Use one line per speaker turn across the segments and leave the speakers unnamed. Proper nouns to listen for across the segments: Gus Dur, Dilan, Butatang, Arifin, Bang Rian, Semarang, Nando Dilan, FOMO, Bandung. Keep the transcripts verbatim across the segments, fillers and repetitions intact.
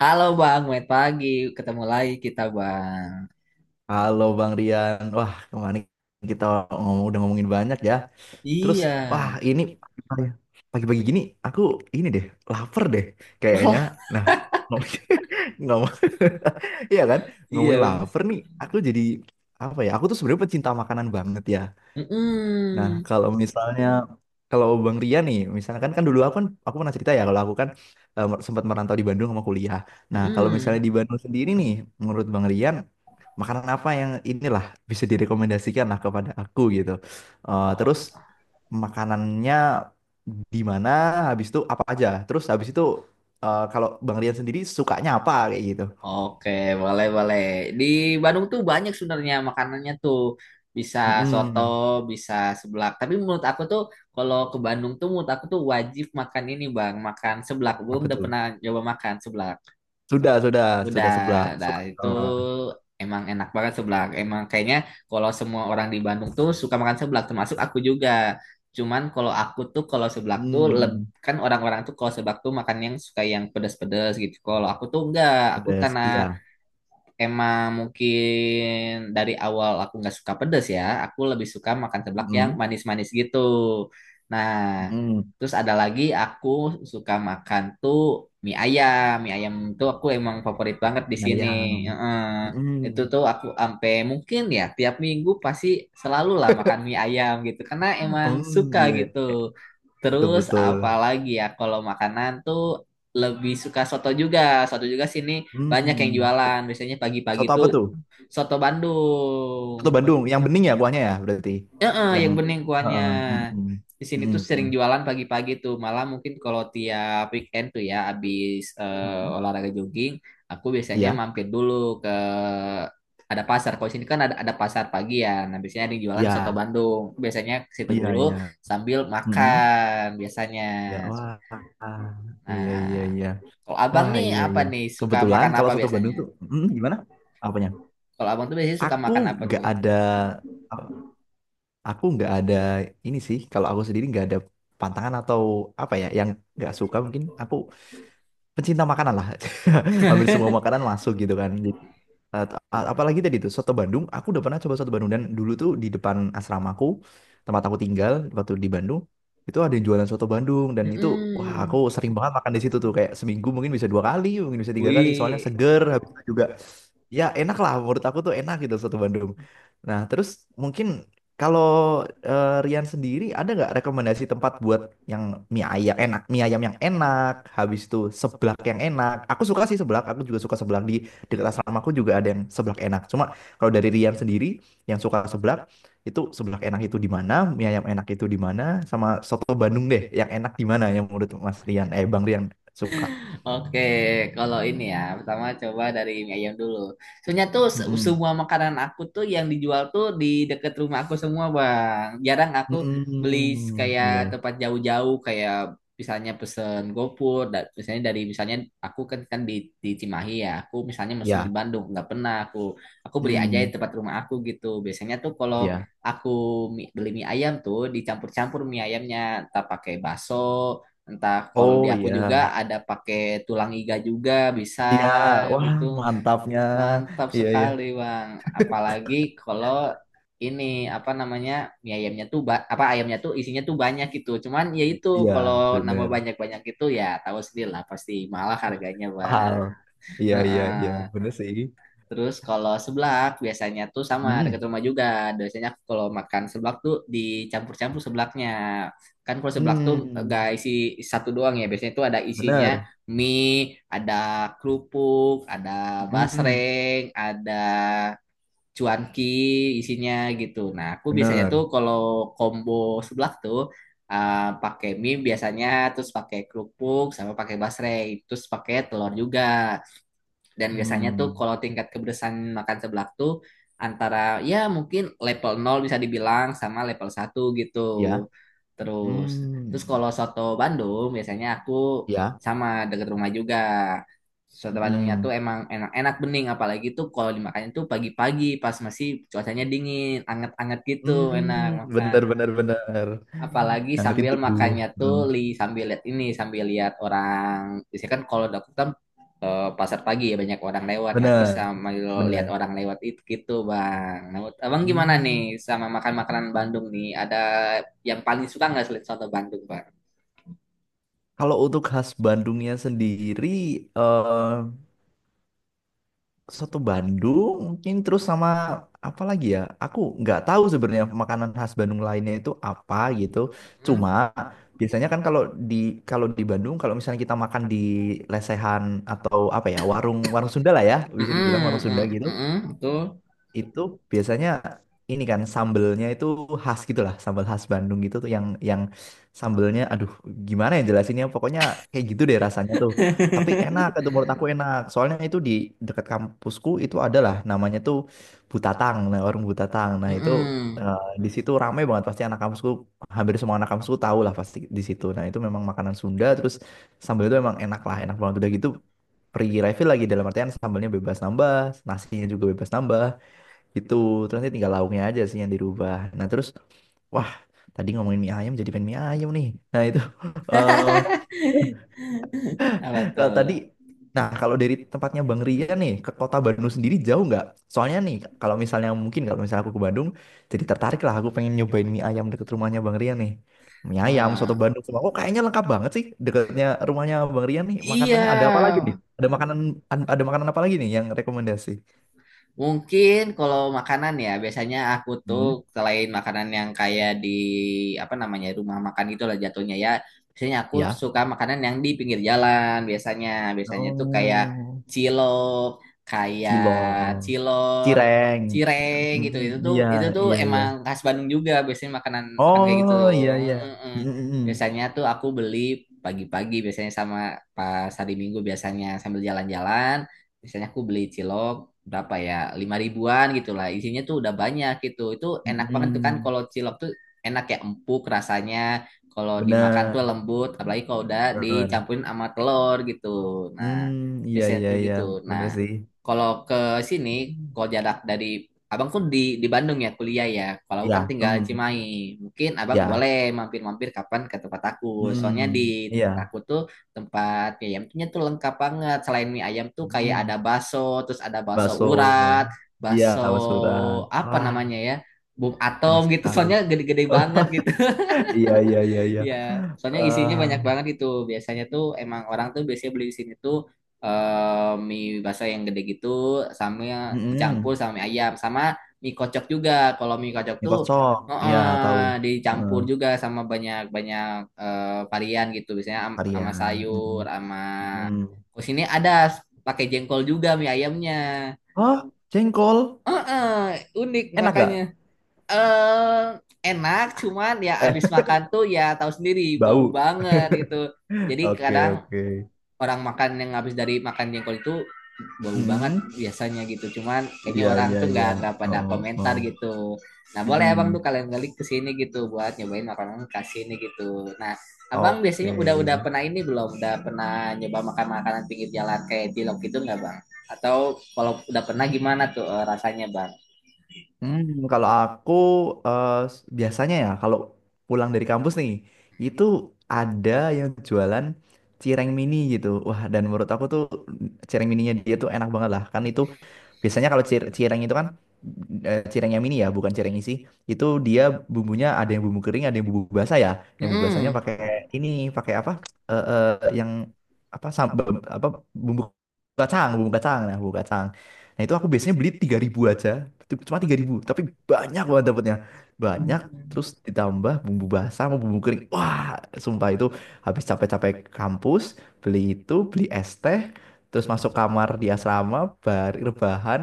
Halo Bang, selamat pagi. Ketemu lagi kita Bang.
Halo Bang Rian, wah kemarin kita ngomong udah ngomongin banyak ya. Terus
Iya.
wah ini pagi-pagi pagi-pagi gini aku ini deh lapar deh kayaknya.
Wah,
Nah, ngomong, iya kan
iya
ngomongin
bener.
lapar nih. Aku jadi apa ya? Aku tuh sebenarnya pecinta makanan banget ya. Nah,
Mm-mm.
kalau misalnya kalau Bang Rian nih, misalkan kan kan dulu aku kan aku pernah cerita ya kalau aku kan eh, mer- sempat merantau di Bandung sama kuliah. Nah, kalau misalnya
Mm-mm.
di Bandung sendiri nih, menurut Bang Rian, makanan apa yang inilah bisa direkomendasikan lah kepada aku gitu. Eh,
Oh,
terus makanannya di mana, habis itu apa aja. Terus habis itu eh, kalau Bang Rian sendiri sukanya apa kayak gitu.
oke, boleh boleh. Di Bandung tuh banyak sebenarnya makanannya tuh. Bisa soto,
Mm-mm.
bisa seblak. Tapi menurut aku tuh kalau ke Bandung tuh menurut aku tuh wajib makan ini Bang, makan seblak. Belum
Apa
udah
tuh?
pernah coba makan seblak.
Sudah, sudah,
Udah,
sudah sebelah.
dah itu
Suka.
emang enak banget seblak. Emang kayaknya kalau semua orang di Bandung tuh suka makan seblak, termasuk aku juga. Cuman kalau aku tuh kalau seblak tuh leb-
Hmm,
kan orang-orang tuh kalau seblak tuh makan yang suka yang pedas-pedas gitu. Kalau aku tuh enggak, aku
pedas.
karena
Iya.
emang mungkin dari awal aku nggak suka pedas ya. Aku lebih suka makan seblak yang
Mhm,
manis-manis gitu. Nah,
mhm.
terus ada lagi aku suka makan tuh mie ayam. Mie ayam tuh aku emang favorit banget di sini.
Ayam.
Heeh. Itu
Mhm.
tuh aku ampe mungkin ya tiap minggu pasti selalu lah makan mie ayam gitu. Karena emang suka
Hmm, iya,
gitu.
iya. Betul,
Terus
betul.
apalagi ya kalau makanan tuh lebih suka soto juga. Soto juga sini banyak yang
Hmm.
jualan biasanya pagi-pagi
Soto
tuh
apa tuh?
soto
Soto
Bandung.
Bandung, yang bening ya kuahnya ya berarti.
Heeh,
Yang
yang bening kuahnya
heeh, mhm.
di sini tuh sering
Mhm.
jualan pagi-pagi tuh, malah mungkin kalau tiap weekend tuh ya abis
Mhm.
eh, olahraga jogging, aku biasanya
Iya,
mampir dulu ke ada pasar. Kalau di sini kan ada ada pasar pagi ya, nah biasanya ada yang jualan soto
iya.
Bandung, biasanya ke
Oh,
situ
iya,
dulu
iya.
sambil
Mhm.
makan biasanya.
Ya,
So-
wah. Iya, iya,
nah,
iya.
kalau abang
Wah,
nih
iya,
apa
iya.
nih, suka
Kebetulan
makan
kalau
apa
soto Bandung
biasanya?
tuh, mhm, gimana? Apanya?
Kalau abang tuh biasanya suka
Aku
makan apa
nggak
tuh?
ada aku nggak ada ini sih kalau aku sendiri nggak ada pantangan atau apa ya yang nggak suka. Mungkin aku pencinta makanan lah, hampir semua makanan masuk gitu kan. Jadi, eh, a- apalagi tadi tuh soto Bandung, aku udah pernah coba soto Bandung. Dan dulu tuh di depan asramaku, tempat aku tinggal waktu di Bandung, itu ada yang jualan soto Bandung. Dan itu wah, aku
Mm-mm.
sering banget makan di situ tuh. Kayak seminggu mungkin bisa dua kali, mungkin bisa tiga kali, soalnya
Uy,
seger. Habis itu juga ya enak lah, menurut aku tuh enak gitu soto Bandung. Nah, terus mungkin kalau eh, Rian sendiri, ada nggak rekomendasi tempat buat yang mie ayam enak, mie ayam yang enak, habis itu seblak yang enak. Aku suka sih seblak, aku juga suka seblak di dekat
Mm.
asrama aku juga ada yang seblak enak. Cuma kalau dari Rian sendiri yang suka seblak, itu seblak enak itu di mana, mie ayam enak itu di mana, sama soto Bandung deh yang enak di mana, yang menurut Mas Rian, eh Bang Rian suka.
Oke, kalau ini ya, pertama coba dari mie ayam dulu. Soalnya tuh se-
Mm-mm.
semua makanan aku tuh yang dijual tuh di deket rumah aku semua, Bang. Jarang aku beli
Mm-mm.
kayak
Iya.
tempat jauh-jauh kayak misalnya pesen GoFood, da- misalnya dari misalnya aku kan kan di, di Cimahi ya, aku misalnya mesen di
Ya.
Bandung, nggak pernah aku aku beli aja di
Mm.
tempat rumah aku gitu. Biasanya tuh kalau
Iya.
aku mi- beli mie ayam tuh dicampur-campur mie ayamnya, entah pakai bakso, entah kalau di
Oh
aku juga
iya.
ada pakai tulang iga juga bisa
Iya, wah
gitu.
mantapnya.
Mantap
Iya, iya.
sekali, Bang. Apalagi kalau ini apa namanya? Mie ayamnya tuh ba- apa, ayamnya tuh isinya tuh banyak gitu. Cuman ya itu
Iya,
kalau nama
bener.
banyak-banyak itu ya tahu sendiri lah pasti mahal harganya,
Mahal.
Bang.
Iya, iya, iya.
Heeh.
Bener sih.
Terus kalau seblak biasanya tuh sama dekat
Hmm.
rumah juga. Biasanya aku kalau makan seblak tuh dicampur-campur seblaknya. Kan kalau seblak tuh gak
Hmm.
isi satu doang ya. Biasanya tuh ada isinya
Bener.
mie, ada kerupuk, ada
Hmm.
basreng, ada cuanki isinya gitu. Nah, aku biasanya tuh
Bener.
kalau combo seblak tuh eh, pakai mie biasanya, terus pakai kerupuk sama pakai basreng, terus pakai telur juga. Dan biasanya tuh
Hmm.
kalau tingkat kepedesan makan seblak tuh antara ya mungkin level nol bisa dibilang sama level satu gitu.
Ya.
Terus terus
Hmm.
kalau soto Bandung biasanya aku
Ya.
sama deket rumah juga. Soto Bandungnya tuh
Hmm.
emang enak-enak bening, apalagi tuh kalau dimakannya tuh pagi-pagi pas masih cuacanya dingin, anget-anget gitu enak
Hmm.
makan,
Bener, bener, bener.
apalagi
Ngangetin
sambil
tubuh.
makannya
Hmm.
tuh li sambil lihat ini, sambil lihat orang. Biasanya kan kalau dapur kan eh, pasar pagi ya banyak orang lewat, nah aku
Bener,
sambil lihat
bener.
orang lewat itu gitu, bang. Nah, menurut abang gimana
Hmm.
nih sama makan makanan Bandung nih, ada yang paling suka nggak selain soto Bandung, bang?
Kalau untuk khas Bandungnya sendiri, eh, soto Bandung mungkin, terus sama apa lagi ya? Aku nggak tahu sebenarnya makanan khas Bandung lainnya itu apa gitu.
Mm-mm.
Cuma biasanya kan kalau di kalau di Bandung, kalau misalnya kita makan di lesehan atau apa ya, warung warung Sunda lah ya, bisa
Mm-mm,
dibilang warung Sunda
mm,
gitu,
mm-mm, betul.
itu biasanya ini kan sambelnya itu khas gitu lah, sambel khas Bandung gitu tuh yang yang sambelnya. Aduh, gimana ya jelasinnya, pokoknya kayak gitu deh rasanya tuh. Tapi enak itu, menurut aku enak. Soalnya itu di dekat kampusku itu adalah, namanya tuh Butatang, nah warung Butatang. Nah, itu
Mm-mm.
eh, di situ rame banget pasti anak kampusku, hampir semua anak kampusku tahu lah pasti di situ. Nah, itu memang makanan Sunda, terus sambel itu emang enak lah, enak banget udah gitu. Free refill lagi, dalam artian sambalnya bebas nambah, nasinya juga bebas nambah. Itu terus nanti tinggal lauknya aja sih yang dirubah. Nah, terus wah, tadi ngomongin mie ayam jadi pengen mie ayam nih. Nah, itu eh
Apa
nah,
tuh?
tadi, nah kalau dari tempatnya Bang Rian nih ke kota Bandung sendiri jauh nggak? Soalnya nih kalau misalnya, mungkin kalau misalnya aku ke Bandung, jadi tertarik lah aku pengen nyobain mie ayam deket rumahnya Bang Rian nih. Mie ayam, soto
Wah,
Bandung semua. Kok kayaknya lengkap banget sih deketnya rumahnya Bang Rian nih.
iya.
Makanannya ada apa lagi nih? Ada makanan ada makanan apa lagi nih yang rekomendasi?
Mungkin kalau makanan ya, biasanya aku tuh
Hmm.
selain makanan yang kayak di apa namanya rumah makan gitu lah jatuhnya ya. Biasanya aku
Ya.
suka makanan yang di pinggir jalan biasanya. Biasanya tuh kayak
Oh.
cilok, kayak
Cilok,
cilor,
cireng.
cireng gitu.
Mm,
Itu tuh
iya,
itu tuh
iya, iya.
emang khas Bandung juga, biasanya makanan makan kayak gitu
Oh,
tuh.
iya, iya.
Mm-mm-mm.
Mm,
Biasanya tuh aku beli pagi-pagi, biasanya sama pas hari Minggu biasanya sambil jalan-jalan, misalnya aku beli cilok berapa ya lima ribuan gitu lah, isinya tuh udah banyak gitu, itu
mm,
enak
mm.
banget tuh. Kan
Mm,
kalau cilok tuh enak ya, empuk rasanya kalau dimakan tuh
benar,
lembut, apalagi kalau udah
benar.
dicampurin sama telur gitu. Nah
Hmm, iya,
biasanya
iya,
tuh
iya.
gitu.
Benar
Nah
sih.
kalau ke sini, kalau jarak dari abang kan di di Bandung ya kuliah ya, kalau aku kan
Iya,
tinggal
hmm,
Cimahi, mungkin abang
iya.
boleh mampir-mampir kapan ke tempat aku. Soalnya
Hmm,
di tempat
iya.
aku tuh tempat mie ayamnya tuh lengkap banget. Selain mie ayam tuh kayak ada
Hmm.
bakso, terus ada bakso urat,
Bakso. Iya,
bakso
bakso urat.
apa
Wah,
namanya ya, bom atom
enak
gitu.
sekali.
Soalnya gede-gede banget gitu.
Iya, iya, iya, iya.
Iya, soalnya isinya
Eh,
banyak banget itu. Biasanya tuh emang orang tuh biasanya beli di sini tuh eh, mie basah yang gede gitu, sama dicampur
mm-mm.
sama mie ayam sama mie kocok juga. Kalau mie kocok
Mie
tuh
kocok, iya tahu.
eh,
Heeh,
dicampur juga sama banyak-banyak eh, varian gitu. Biasanya am- sama
varian.
sayur,
Mm-mm.
sama
Mm-mm.
terus ini ada pakai jengkol juga mie ayamnya.
Oh, jengkol.
Heeh, unik
Enak
makanya
gak?
eh enak, cuman ya
Eh,
abis makan tuh ya tahu sendiri bau
bau.
banget itu, jadi
Oke,
kadang
oke.
orang makan yang habis dari makan jengkol itu bau banget
Mm-mm.
biasanya gitu, cuman kayaknya
Iya,
orang
iya,
tuh
iya.
nggak nggak pada
Oh,
komentar
oh.
gitu. Nah boleh abang tuh
Mm-mm.
kalian balik ke sini gitu buat nyobain makanan khas sini gitu. Nah abang
Oke.
biasanya udah udah pernah ini belum, udah pernah nyoba makan makanan pinggir jalan kayak cilok gitu nggak bang? Atau kalau udah pernah gimana tuh eh, rasanya bang?
Hmm, kalau aku eh, s- biasanya ya kalau pulang dari kampus nih, itu ada yang jualan cireng mini gitu. Wah, dan menurut aku tuh cireng mininya dia tuh enak banget lah. Kan itu biasanya kalau cir- cireng itu kan, eh, cireng yang mini ya, bukan cireng isi. Itu dia bumbunya ada yang bumbu kering, ada yang bumbu basah ya. Yang bumbu basahnya
Mm-mm.
pakai ini, pakai apa? Eh, eh, yang apa, sambal apa, bumbu kacang, bumbu kacang. Nah, bumbu kacang. Nah, itu aku biasanya beli tiga ribu aja. Cuma tiga ribu tapi banyak banget dapetnya.
Hmm.
Banyak, terus ditambah bumbu basah sama bumbu kering. Wah, sumpah itu habis capek-capek kampus, beli itu, beli es teh, terus masuk kamar di asrama, bar rebahan,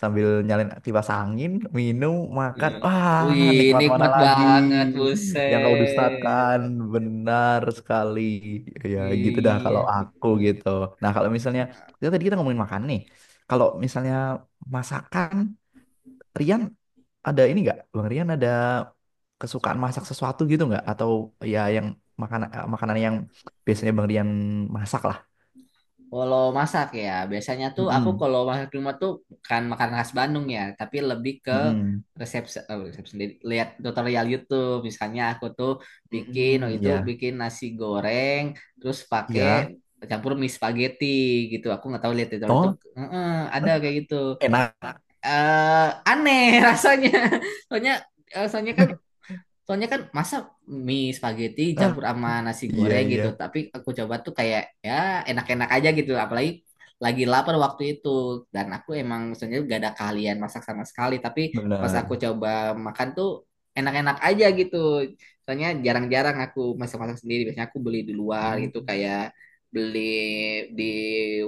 sambil nyalain kipas angin, minum,
Iya.
makan, wah
Wih,
nikmat mana
nikmat
lagi
banget,
yang kau
buset.
dustakan. Benar sekali. Ya
Iya,
gitu dah kalau
iya.
aku gitu. Nah kalau misalnya kita tadi kita ngomongin makan nih, kalau misalnya masakan Rian, ada ini nggak, Bang Rian ada kesukaan masak sesuatu gitu nggak, atau ya yang makanan, eh, makanan yang biasanya Bang Rian masak lah.
Kalau masak ya, biasanya tuh aku
Mm-mm.
kalau masak di rumah tuh kan makan khas Bandung ya, tapi lebih ke
Mm-mm.
resep, se- eh, resep sendiri. Lihat tutorial YouTube, misalnya aku tuh bikin, oh
Hmm,
itu
iya,
bikin nasi goreng, terus pakai
iya.
campur mie spaghetti gitu. Aku nggak tahu, lihat tutorial YouTube,
Oh,
Heeh, ada kayak gitu.
enak.
Eh, Aneh rasanya, soalnya, eh, soalnya kan Soalnya kan masa mie spaghetti campur sama nasi
Iya,
goreng
iya,
gitu. Tapi aku coba tuh kayak ya enak-enak aja gitu. Apalagi lagi lapar waktu itu. Dan aku emang sebenarnya gak ada keahlian masak sama sekali. Tapi pas aku
benar.
coba makan tuh enak-enak aja gitu. Soalnya jarang-jarang aku masak-masak sendiri. Biasanya aku beli di luar
Hmm,
gitu, kayak beli di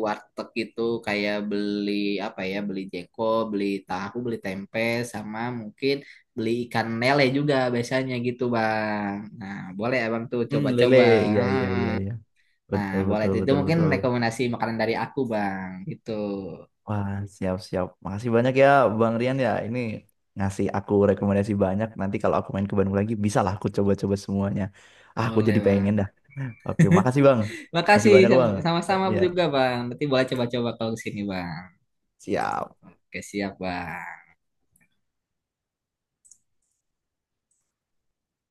warteg gitu, kayak beli apa ya, beli jeko, beli tahu, beli tempe sama mungkin beli ikan lele juga biasanya gitu bang. Nah boleh abang tuh
hmm, lele,
coba-coba.
iya, iya,
Hmm.
iya, iya.
Nah
Betul,
boleh
betul,
itu, itu
betul,
mungkin
betul.
rekomendasi makanan dari aku bang gitu.
Wah, siap, siap. Makasih banyak ya, Bang Rian ya. Ini ngasih aku rekomendasi banyak. Nanti kalau aku main ke Bandung lagi, bisa lah aku coba-coba semuanya. Ah, aku
Boleh
jadi
bang.
pengen dah. Oke, makasih Bang. Makasih
Makasih
banyak Bang.
sama-
Eh,
sama-sama
iya,
juga bang. Nanti boleh coba-coba kalau kesini bang.
siap.
Oke siap bang.